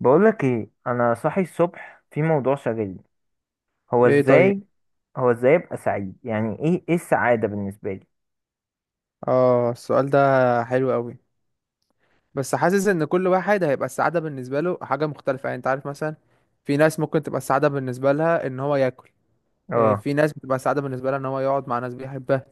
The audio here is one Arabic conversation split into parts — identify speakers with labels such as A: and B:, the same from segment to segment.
A: بقولك ايه، انا صاحي الصبح في موضوع شاغلني. هو
B: ايه، طيب.
A: ازاي هو ازاي ابقى سعيد؟ يعني ايه السعادة بالنسبة لي؟
B: اه، السؤال ده حلو قوي. بس حاسس ان كل واحد هيبقى السعادة بالنسبة له حاجة مختلفة، يعني انت عارف مثلا في ناس ممكن تبقى السعادة بالنسبة لها ان هو ياكل. إيه،
A: اه.
B: في ناس بتبقى السعادة بالنسبة لها ان هو يقعد مع ناس بيحبها.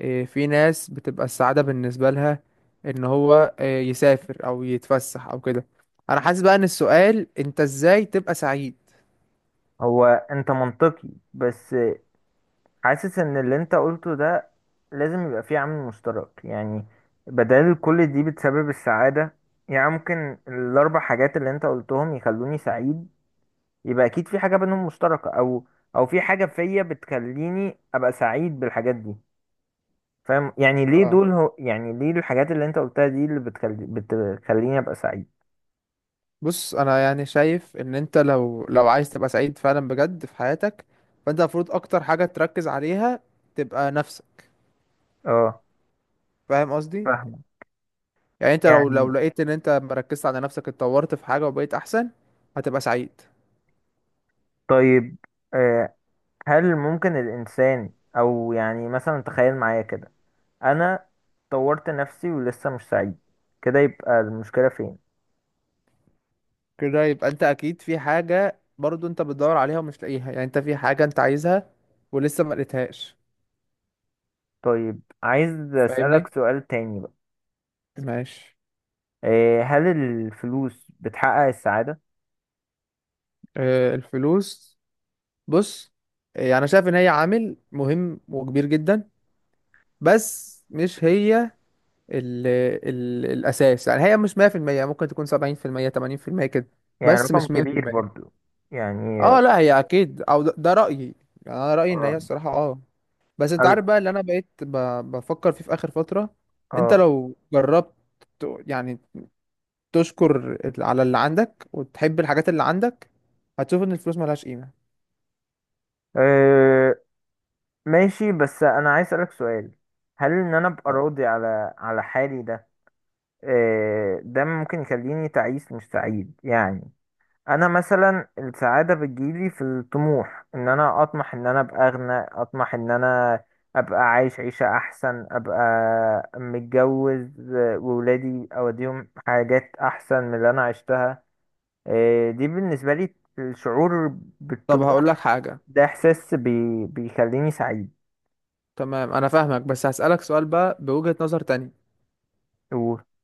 B: إيه، في ناس بتبقى السعادة بالنسبة لها ان هو إيه يسافر او يتفسح او كده. انا حاسس بقى ان السؤال انت ازاي تبقى سعيد.
A: هو انت منطقي، بس حاسس ان اللي انت قلته ده لازم يبقى فيه عامل مشترك، يعني بدل كل دي بتسبب السعادة. يعني ممكن الاربع حاجات اللي انت قلتهم يخلوني سعيد، يبقى اكيد في حاجة بينهم مشتركة، او في حاجة فيا بتخليني ابقى سعيد بالحاجات دي. فاهم؟ يعني ليه
B: اه،
A: دول، هو يعني ليه الحاجات اللي انت قلتها دي اللي بتخليني ابقى سعيد؟
B: بص. انا يعني شايف ان انت لو عايز تبقى سعيد فعلا بجد في حياتك، فانت المفروض اكتر حاجة تركز عليها تبقى نفسك.
A: اه.
B: فاهم قصدي؟
A: فاهمة.
B: يعني انت لو
A: يعني
B: لو لقيت ان انت مركزت على نفسك اتطورت في حاجة وبقيت احسن، هتبقى سعيد.
A: طيب. آه هل ممكن الانسان، او يعني مثلا تخيل معايا كده، انا طورت نفسي ولسه مش سعيد، كده يبقى المشكلة فين؟
B: كده يبقى انت اكيد في حاجة برضو انت بتدور عليها ومش لاقيها، يعني انت في حاجة انت عايزها ولسه ما لقيتهاش.
A: طيب، عايز
B: فاهمني؟
A: اسألك سؤال تاني بقى.
B: ماشي.
A: هل الفلوس بتحقق السعادة؟
B: آه، الفلوس. بص. آه، يعني انا شايف ان هي عامل مهم وكبير جدا، بس مش هي ال ال الاساس. يعني هي مش 100%. ممكن تكون 70% 80% كده.
A: يعني
B: بس
A: رقم
B: مش
A: كبير
B: 100%.
A: برضو. يعني
B: اه لا هي اكيد او ده رايي. يعني انا رايي ان هي
A: اه.
B: الصراحه اه. بس انت
A: اه.
B: عارف بقى اللي انا بقيت بفكر فيه في اخر فتره. انت لو جربت يعني تشكر على اللي عندك وتحب الحاجات اللي عندك، هتشوف ان الفلوس ملهاش قيمه.
A: آه، ماشي. بس انا عايز اسالك سؤال، هل ان انا ابقى
B: آه.
A: راضي على حالي ده، ده ممكن يخليني تعيس مش سعيد؟ يعني انا مثلا السعاده بتجيلي في الطموح، ان انا اطمح ان انا ابقى اغنى، اطمح ان انا ابقى عايش عيشه احسن، ابقى متجوز، وولادي اوديهم حاجات احسن من اللي انا عشتها. دي بالنسبه لي الشعور
B: طب هقول لك
A: بالطموح.
B: حاجه.
A: ده احساس بي بيخليني سعيد.
B: تمام انا فاهمك، بس هسالك سؤال بقى بوجهه نظر تانية.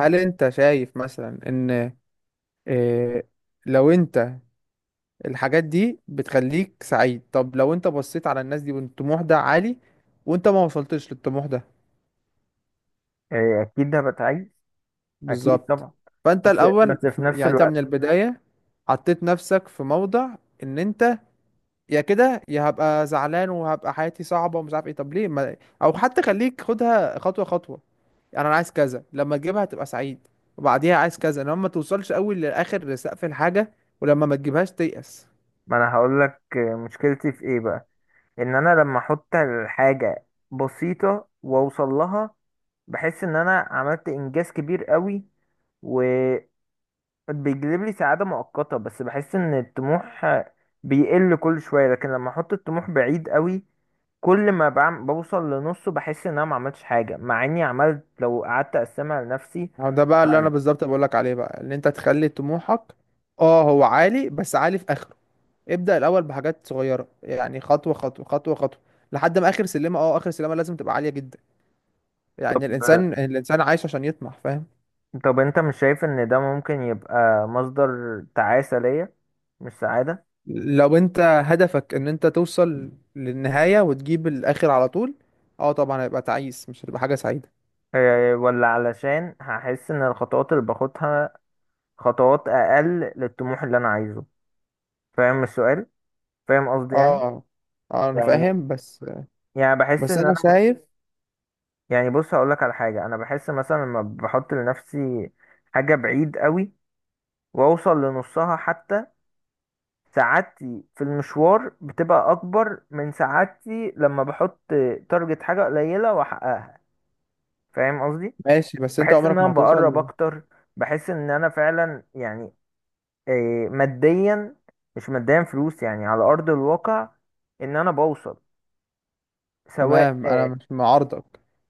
B: هل انت شايف مثلا ان إيه لو انت الحاجات دي بتخليك سعيد، طب لو انت بصيت على الناس دي والطموح ده عالي وانت ما وصلتش للطموح ده.
A: إيه، اكيد ده بتعيش. اكيد
B: بالظبط.
A: طبعا.
B: فانت
A: بس
B: الاول
A: بس في نفس
B: يعني انت من
A: الوقت،
B: البداية حطيت نفسك في موضع ان انت يا كده يا هبقى زعلان وهبقى حياتي صعبة ومش عارف ايه. طب ليه ما... او حتى خليك خدها خطوة خطوة. يعني انا عايز كذا لما تجيبها هتبقى سعيد، وبعديها عايز كذا، انما ما توصلش قوي لاخر سقف الحاجة، ولما ما تجيبهاش تيأس.
A: ما انا هقول لك مشكلتي في ايه بقى. ان انا لما احط الحاجه بسيطه واوصل لها، بحس ان انا عملت انجاز كبير قوي، وبيجلب لي سعاده مؤقته، بس بحس ان الطموح بيقل كل شويه. لكن لما احط الطموح بعيد قوي، كل ما بعم بوصل لنصه بحس ان انا ما عملتش حاجه، مع اني عملت لو قعدت اقسمها لنفسي.
B: أهو ده بقى اللي انا بالظبط بقول لك عليه، بقى ان انت تخلي طموحك اه هو عالي بس عالي في اخره. ابدأ الاول بحاجات صغيرة، يعني خطوة خطوة خطوة خطوة لحد ما اخر سلمة. اه، اخر سلمة لازم تبقى عالية جدا. يعني
A: طب،
B: الانسان عايش عشان يطمح. فاهم؟
A: طب انت مش شايف ان ده ممكن يبقى مصدر تعاسة ليا، مش سعادة؟
B: لو انت هدفك ان انت توصل للنهاية وتجيب الاخر على طول، اه طبعا هيبقى تعيس، مش هتبقى حاجة سعيدة.
A: إيه، ولا علشان هحس ان الخطوات اللي باخدها خطوات اقل للطموح اللي انا عايزه. فاهم السؤال؟ فاهم قصدي يعني؟
B: اه اه، انا
A: يعني
B: فاهم بس
A: بحس
B: بس
A: ان
B: انا
A: انا،
B: شايف.
A: يعني بص هقولك على حاجة. انا بحس مثلا لما بحط لنفسي حاجة بعيد قوي واوصل لنصها حتى، سعادتي في المشوار بتبقى اكبر من سعادتي لما بحط تارجت حاجة قليلة واحققها. فاهم قصدي؟
B: ماشي. بس انت
A: بحس ان
B: عمرك
A: انا
B: ما
A: بقرب
B: هتوصل.
A: اكتر، بحس ان انا فعلا يعني، إيه، ماديا، مش ماديا فلوس، يعني على ارض الواقع ان انا بوصل. سواء
B: تمام انا مش معارضك،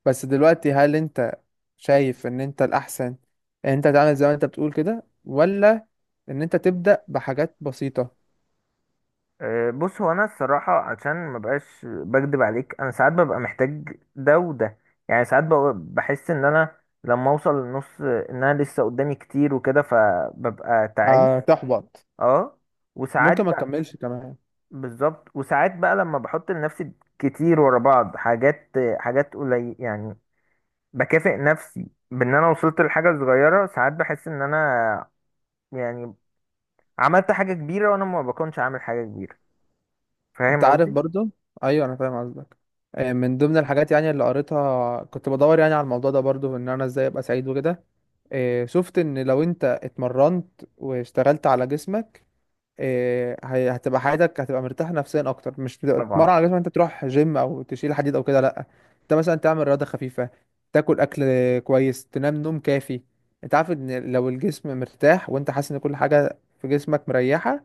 B: بس دلوقتي هل انت شايف ان انت الاحسن ان انت تعمل زي ما انت بتقول كده، ولا ان انت تبدأ بحاجات بسيطة؟
A: بص، هو انا الصراحه عشان ما بقاش بكدب عليك، انا ساعات ببقى محتاج ده وده. يعني ساعات بحس ان انا لما اوصل للنص، ان انا لسه قدامي كتير وكده، فببقى تعيس.
B: هتحبط.
A: اه. وساعات
B: ممكن ما
A: بقى،
B: تكملش كمان.
A: بالظبط. وساعات بقى لما بحط لنفسي كتير ورا بعض حاجات، حاجات قليل يعني، بكافئ نفسي بان انا وصلت لحاجه صغيره. ساعات بحس ان انا يعني عملت حاجه كبيره وانا ما بكونش عامل حاجه كبيره.
B: انت
A: فاهم
B: عارف
A: قصدي؟
B: برضو، ايوه انا فاهم قصدك. آه، من ضمن الحاجات يعني اللي قريتها كنت بدور يعني على الموضوع ده برضو ان انا ازاي ابقى سعيد وكده. آه، شفت ان لو انت اتمرنت واشتغلت على جسمك إيه، هتبقى حياتك هتبقى مرتاح نفسيا اكتر. مش بتبقى تتمرن
A: طبعا.
B: على جسمك انت تروح جيم او تشيل حديد او كده، لا. انت مثلا تعمل رياضه خفيفه، تاكل اكل كويس، تنام نوم كافي. انت عارف ان لو الجسم مرتاح وانت حاسس ان كل حاجه في جسمك مريحه،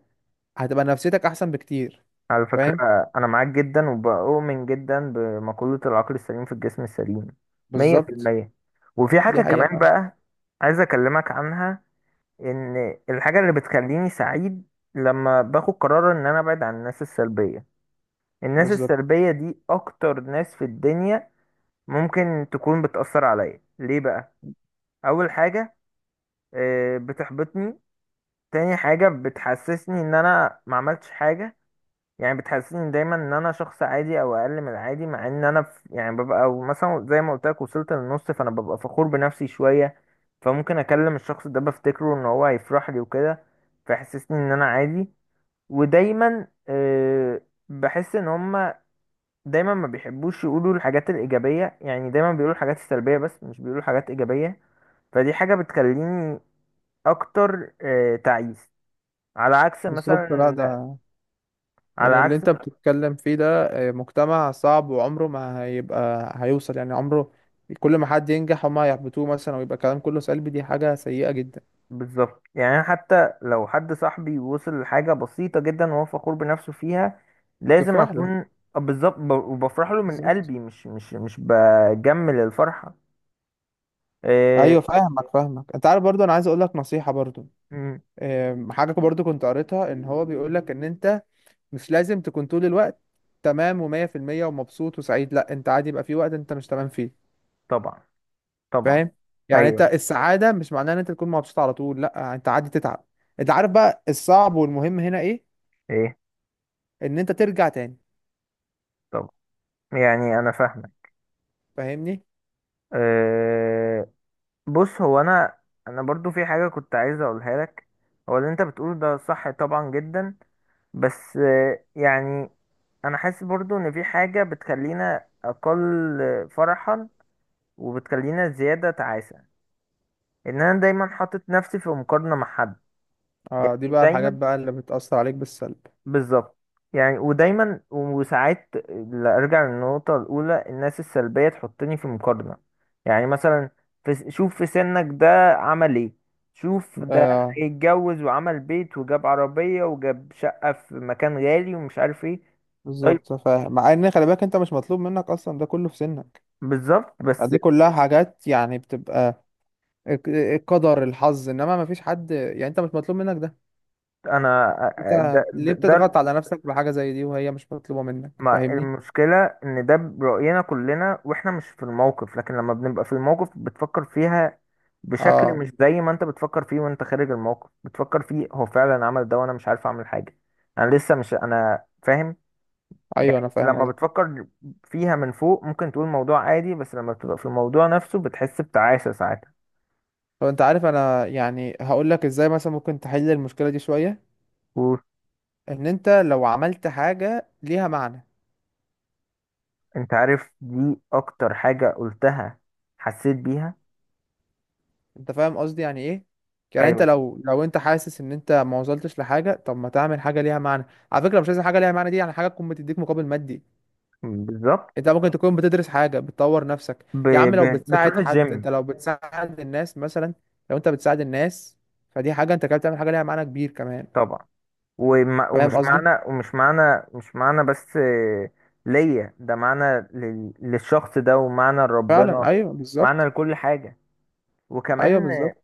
B: هتبقى نفسيتك احسن بكتير.
A: على
B: فاهم؟
A: فكره، انا معاك جدا وبؤمن جدا بمقوله العقل السليم في الجسم السليم.
B: بالظبط.
A: 100%. وفي حاجه
B: دي حقيقه،
A: كمان
B: فاهم؟
A: بقى عايز اكلمك عنها. ان الحاجه اللي بتخليني سعيد لما باخد قرار ان انا ابعد عن الناس السلبيه. الناس
B: بالظبط.
A: السلبيه دي اكتر ناس في الدنيا ممكن تكون بتأثر عليا. ليه بقى؟ اول حاجه، بتحبطني. تاني حاجه، بتحسسني ان انا ما عملتش حاجه. يعني بتحسسني دايما ان انا شخص عادي او اقل من العادي، مع ان انا في يعني ببقى، أو مثلا زي ما قلت لك، وصلت للنص فانا ببقى فخور بنفسي شويه، فممكن اكلم الشخص ده بفتكره ان هو هيفرح لي وكده، فيحسسني ان انا عادي. ودايما بحس ان هما دايما ما بيحبوش يقولوا الحاجات الايجابيه، يعني دايما بيقولوا الحاجات السلبيه بس، مش بيقولوا حاجات ايجابيه. فدي حاجة بتخليني اكتر تعيس. على عكس
B: بالظبط، لا
A: مثلا،
B: ده
A: على
B: يعني اللي
A: عكس،
B: انت بتتكلم فيه ده آه، مجتمع صعب وعمره ما هيبقى هيوصل يعني عمره. كل ما حد ينجح هما يحبطوه مثلا ويبقى كلام كله سلبي، دي حاجة سيئة جدا.
A: بالظبط، يعني أنا حتى لو حد صاحبي وصل لحاجة بسيطة جدا وهو فخور بنفسه فيها، لازم
B: بتفرح له.
A: اكون، بالظبط، وبفرح له من
B: بالظبط.
A: قلبي، مش بجمل الفرحة. آه.
B: ايوه، فاهمك فاهمك. انت عارف برضو، انا عايز اقول لك نصيحة برضو.
A: مم.
B: آم، حاجة برضو كنت قريتها ان هو بيقول لك ان انت مش لازم تكون طول الوقت تمام ومية في المية ومبسوط وسعيد. لا انت عادي، يبقى في وقت انت مش تمام فيه.
A: طبعا، طبعا.
B: فاهم؟ يعني انت
A: ايوه.
B: السعاده مش معناها ان انت تكون مبسوط على طول، لا انت عادي تتعب. انت عارف بقى الصعب والمهم هنا ايه؟
A: ايه
B: ان انت ترجع تاني.
A: طبعا، يعني انا فاهمك.
B: فاهمني؟
A: آه، بص هو انا برضو في حاجة كنت عايز اقولها لك. هو اللي انت بتقوله ده صح طبعا جدا، بس يعني انا حاسس برضو ان في حاجة بتخلينا اقل فرحا وبتخلينا زيادة تعاسة، ان انا دايما حاطط نفسي في مقارنة مع حد.
B: اه، دي
A: يعني
B: بقى الحاجات
A: دايما،
B: بقى اللي بتأثر عليك بالسلب.
A: بالظبط، يعني ودايما، وساعات ارجع للنقطة الاولى، الناس السلبية تحطني في مقارنة. يعني مثلا في شوف في سنك ده عمل ايه، شوف ده
B: اه
A: اتجوز وعمل بيت وجاب عربية وجاب شقة في مكان غالي ومش عارف ايه. طيب،
B: بالظبط، فاهم. مع ان خلي بالك انت مش مطلوب منك اصلا ده كله في سنك.
A: بالظبط بس
B: دي كلها حاجات يعني بتبقى القدر الحظ، انما ما فيش حد، يعني انت مش مطلوب منك ده.
A: انا،
B: انت
A: ده, ده,
B: ليه
A: ده
B: بتضغط على نفسك بحاجة زي دي وهي مش مطلوبة منك؟
A: ما
B: فاهمني؟
A: المشكله ان ده براينا كلنا واحنا مش في الموقف، لكن لما بنبقى في الموقف بتفكر فيها بشكل
B: اه،
A: مش زي ما انت بتفكر فيه وانت خارج الموقف، بتفكر فيه هو فعلا عمل ده وانا مش عارف اعمل حاجه. انا لسه مش، انا فاهم.
B: ايوه انا فاهم
A: لما
B: قصدك.
A: بتفكر فيها من فوق ممكن تقول موضوع عادي، بس لما بتبقى في الموضوع نفسه بتحس بتعاسه ساعتها.
B: هو انت عارف انا يعني هقول لك ازاي مثلا ممكن تحل المشكله دي شويه،
A: وانت
B: ان انت لو عملت حاجه ليها معنى.
A: عارف دي اكتر حاجه قلتها، حسيت بيها.
B: انت فاهم قصدي يعني ايه؟ يعني انت
A: ايوه،
B: لو انت حاسس ان انت ما وصلتش لحاجه، طب ما تعمل حاجه ليها معنى. على فكره مش لازم حاجه ليها معنى دي يعني حاجه تكون بتديك مقابل مادي.
A: بالظبط.
B: انت ممكن تكون بتدرس حاجه بتطور نفسك.
A: ب...
B: يا عم لو
A: بتروح
B: بتساعد حد، انت
A: الجيم.
B: لو بتساعد الناس مثلا، لو انت بتساعد الناس فدي حاجه انت كده بتعمل حاجه ليها معنى كبير كمان.
A: طبعا.
B: فاهم
A: ومش
B: قصدي؟
A: معنى ومش معنى مش معنى بس، ليا ده معنى للشخص ده ومعنى
B: فعلا،
A: لربنا،
B: ايوه
A: معنى
B: بالظبط.
A: لكل حاجة.
B: ايوه
A: وكمان
B: بالظبط.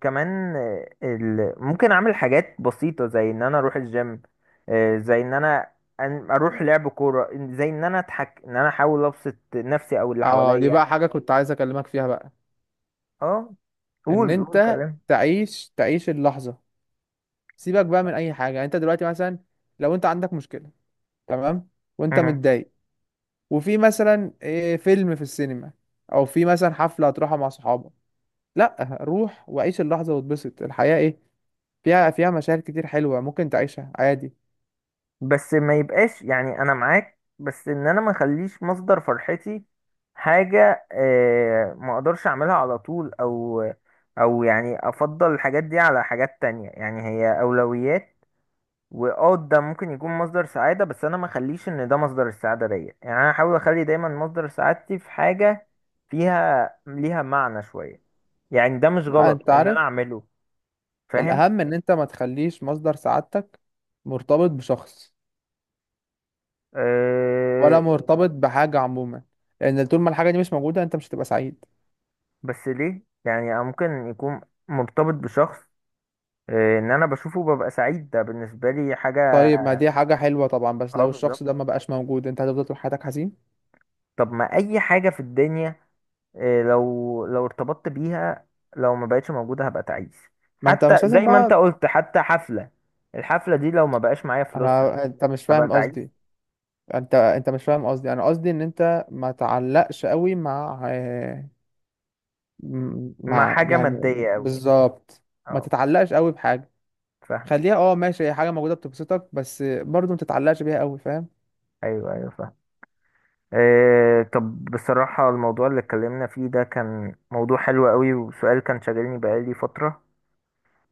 A: كمان ممكن أعمل حاجات بسيطة زي إن أنا أروح الجيم، زي إن أنا أروح لعب كورة، زي إن أنا أضحك، إن أنا أحاول أبسط نفسي أو اللي
B: اه، دي
A: حواليا.
B: بقى حاجة كنت عايز اكلمك فيها بقى،
A: أه.
B: ان
A: قول، قول
B: انت
A: كلام.
B: تعيش اللحظة. سيبك بقى من اي حاجة. يعني انت دلوقتي مثلا لو انت عندك مشكلة، تمام، وانت
A: مم.
B: متضايق، وفي مثلا إيه، فيلم في السينما، او في مثلا حفلة هتروحها مع صحابك، لا روح وعيش اللحظة واتبسط. الحياة ايه فيها مشاعر كتير حلوة ممكن تعيشها عادي.
A: بس ما يبقاش، يعني انا معاك، بس ان انا ما اخليش مصدر فرحتي حاجة ما اقدرش اعملها على طول، او او يعني افضل الحاجات دي على حاجات تانية، يعني هي اولويات. واه ده ممكن يكون مصدر سعادة، بس انا ما اخليش ان ده مصدر السعادة ليا، يعني انا احاول اخلي دايما مصدر سعادتي في حاجة فيها ليها معنى شوية. يعني ده مش
B: لا
A: غلط
B: انت
A: ان انا
B: عارف
A: اعمله. فاهم؟
B: الاهم ان انت ما تخليش مصدر سعادتك مرتبط بشخص، ولا
A: آه،
B: مرتبط بحاجة عموما، لان طول ما الحاجة دي مش موجودة انت مش هتبقى سعيد.
A: بس ليه؟ يعني أنا ممكن يكون مرتبط بشخص، ان انا بشوفه ببقى سعيد، ده بالنسبه لي حاجه.
B: طيب ما دي حاجة حلوة طبعا، بس
A: اه،
B: لو الشخص
A: بالظبط.
B: ده ما بقاش موجود انت هتفضل طول حياتك حزين.
A: طب، ما اي حاجه في الدنيا، لو ارتبطت بيها لو ما بقتش موجوده هبقى تعيس.
B: ما انت
A: حتى
B: مش لازم
A: زي ما انت
B: بقى.
A: قلت، حتى حفله، الحفله دي لو ما بقاش معايا فلوسها
B: انت مش
A: هبقى
B: فاهم
A: تعيس.
B: قصدي. انت مش فاهم قصدي. انا قصدي ان انت ما تعلقش قوي مع آه،
A: مع
B: مع
A: حاجه
B: يعني
A: ماديه قوي،
B: بالظبط. ما
A: اه.
B: تتعلقش قوي بحاجة.
A: فاهمه.
B: خليها اه ماشي، هي حاجة موجودة بتبسطك، بس برضو ما تتعلقش بيها قوي. فاهم؟
A: ايوه، ايوه فاهم. إيه، طب بصراحة الموضوع اللي اتكلمنا فيه ده كان موضوع حلو قوي، وسؤال كان شاغلني بقالي فترة.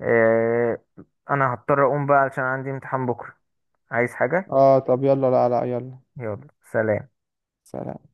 A: آه، انا هضطر اقوم بقى علشان عندي امتحان بكرة. عايز حاجة؟
B: اه، طب يلا. لا لا، يلا.
A: يلا، سلام.
B: سلام.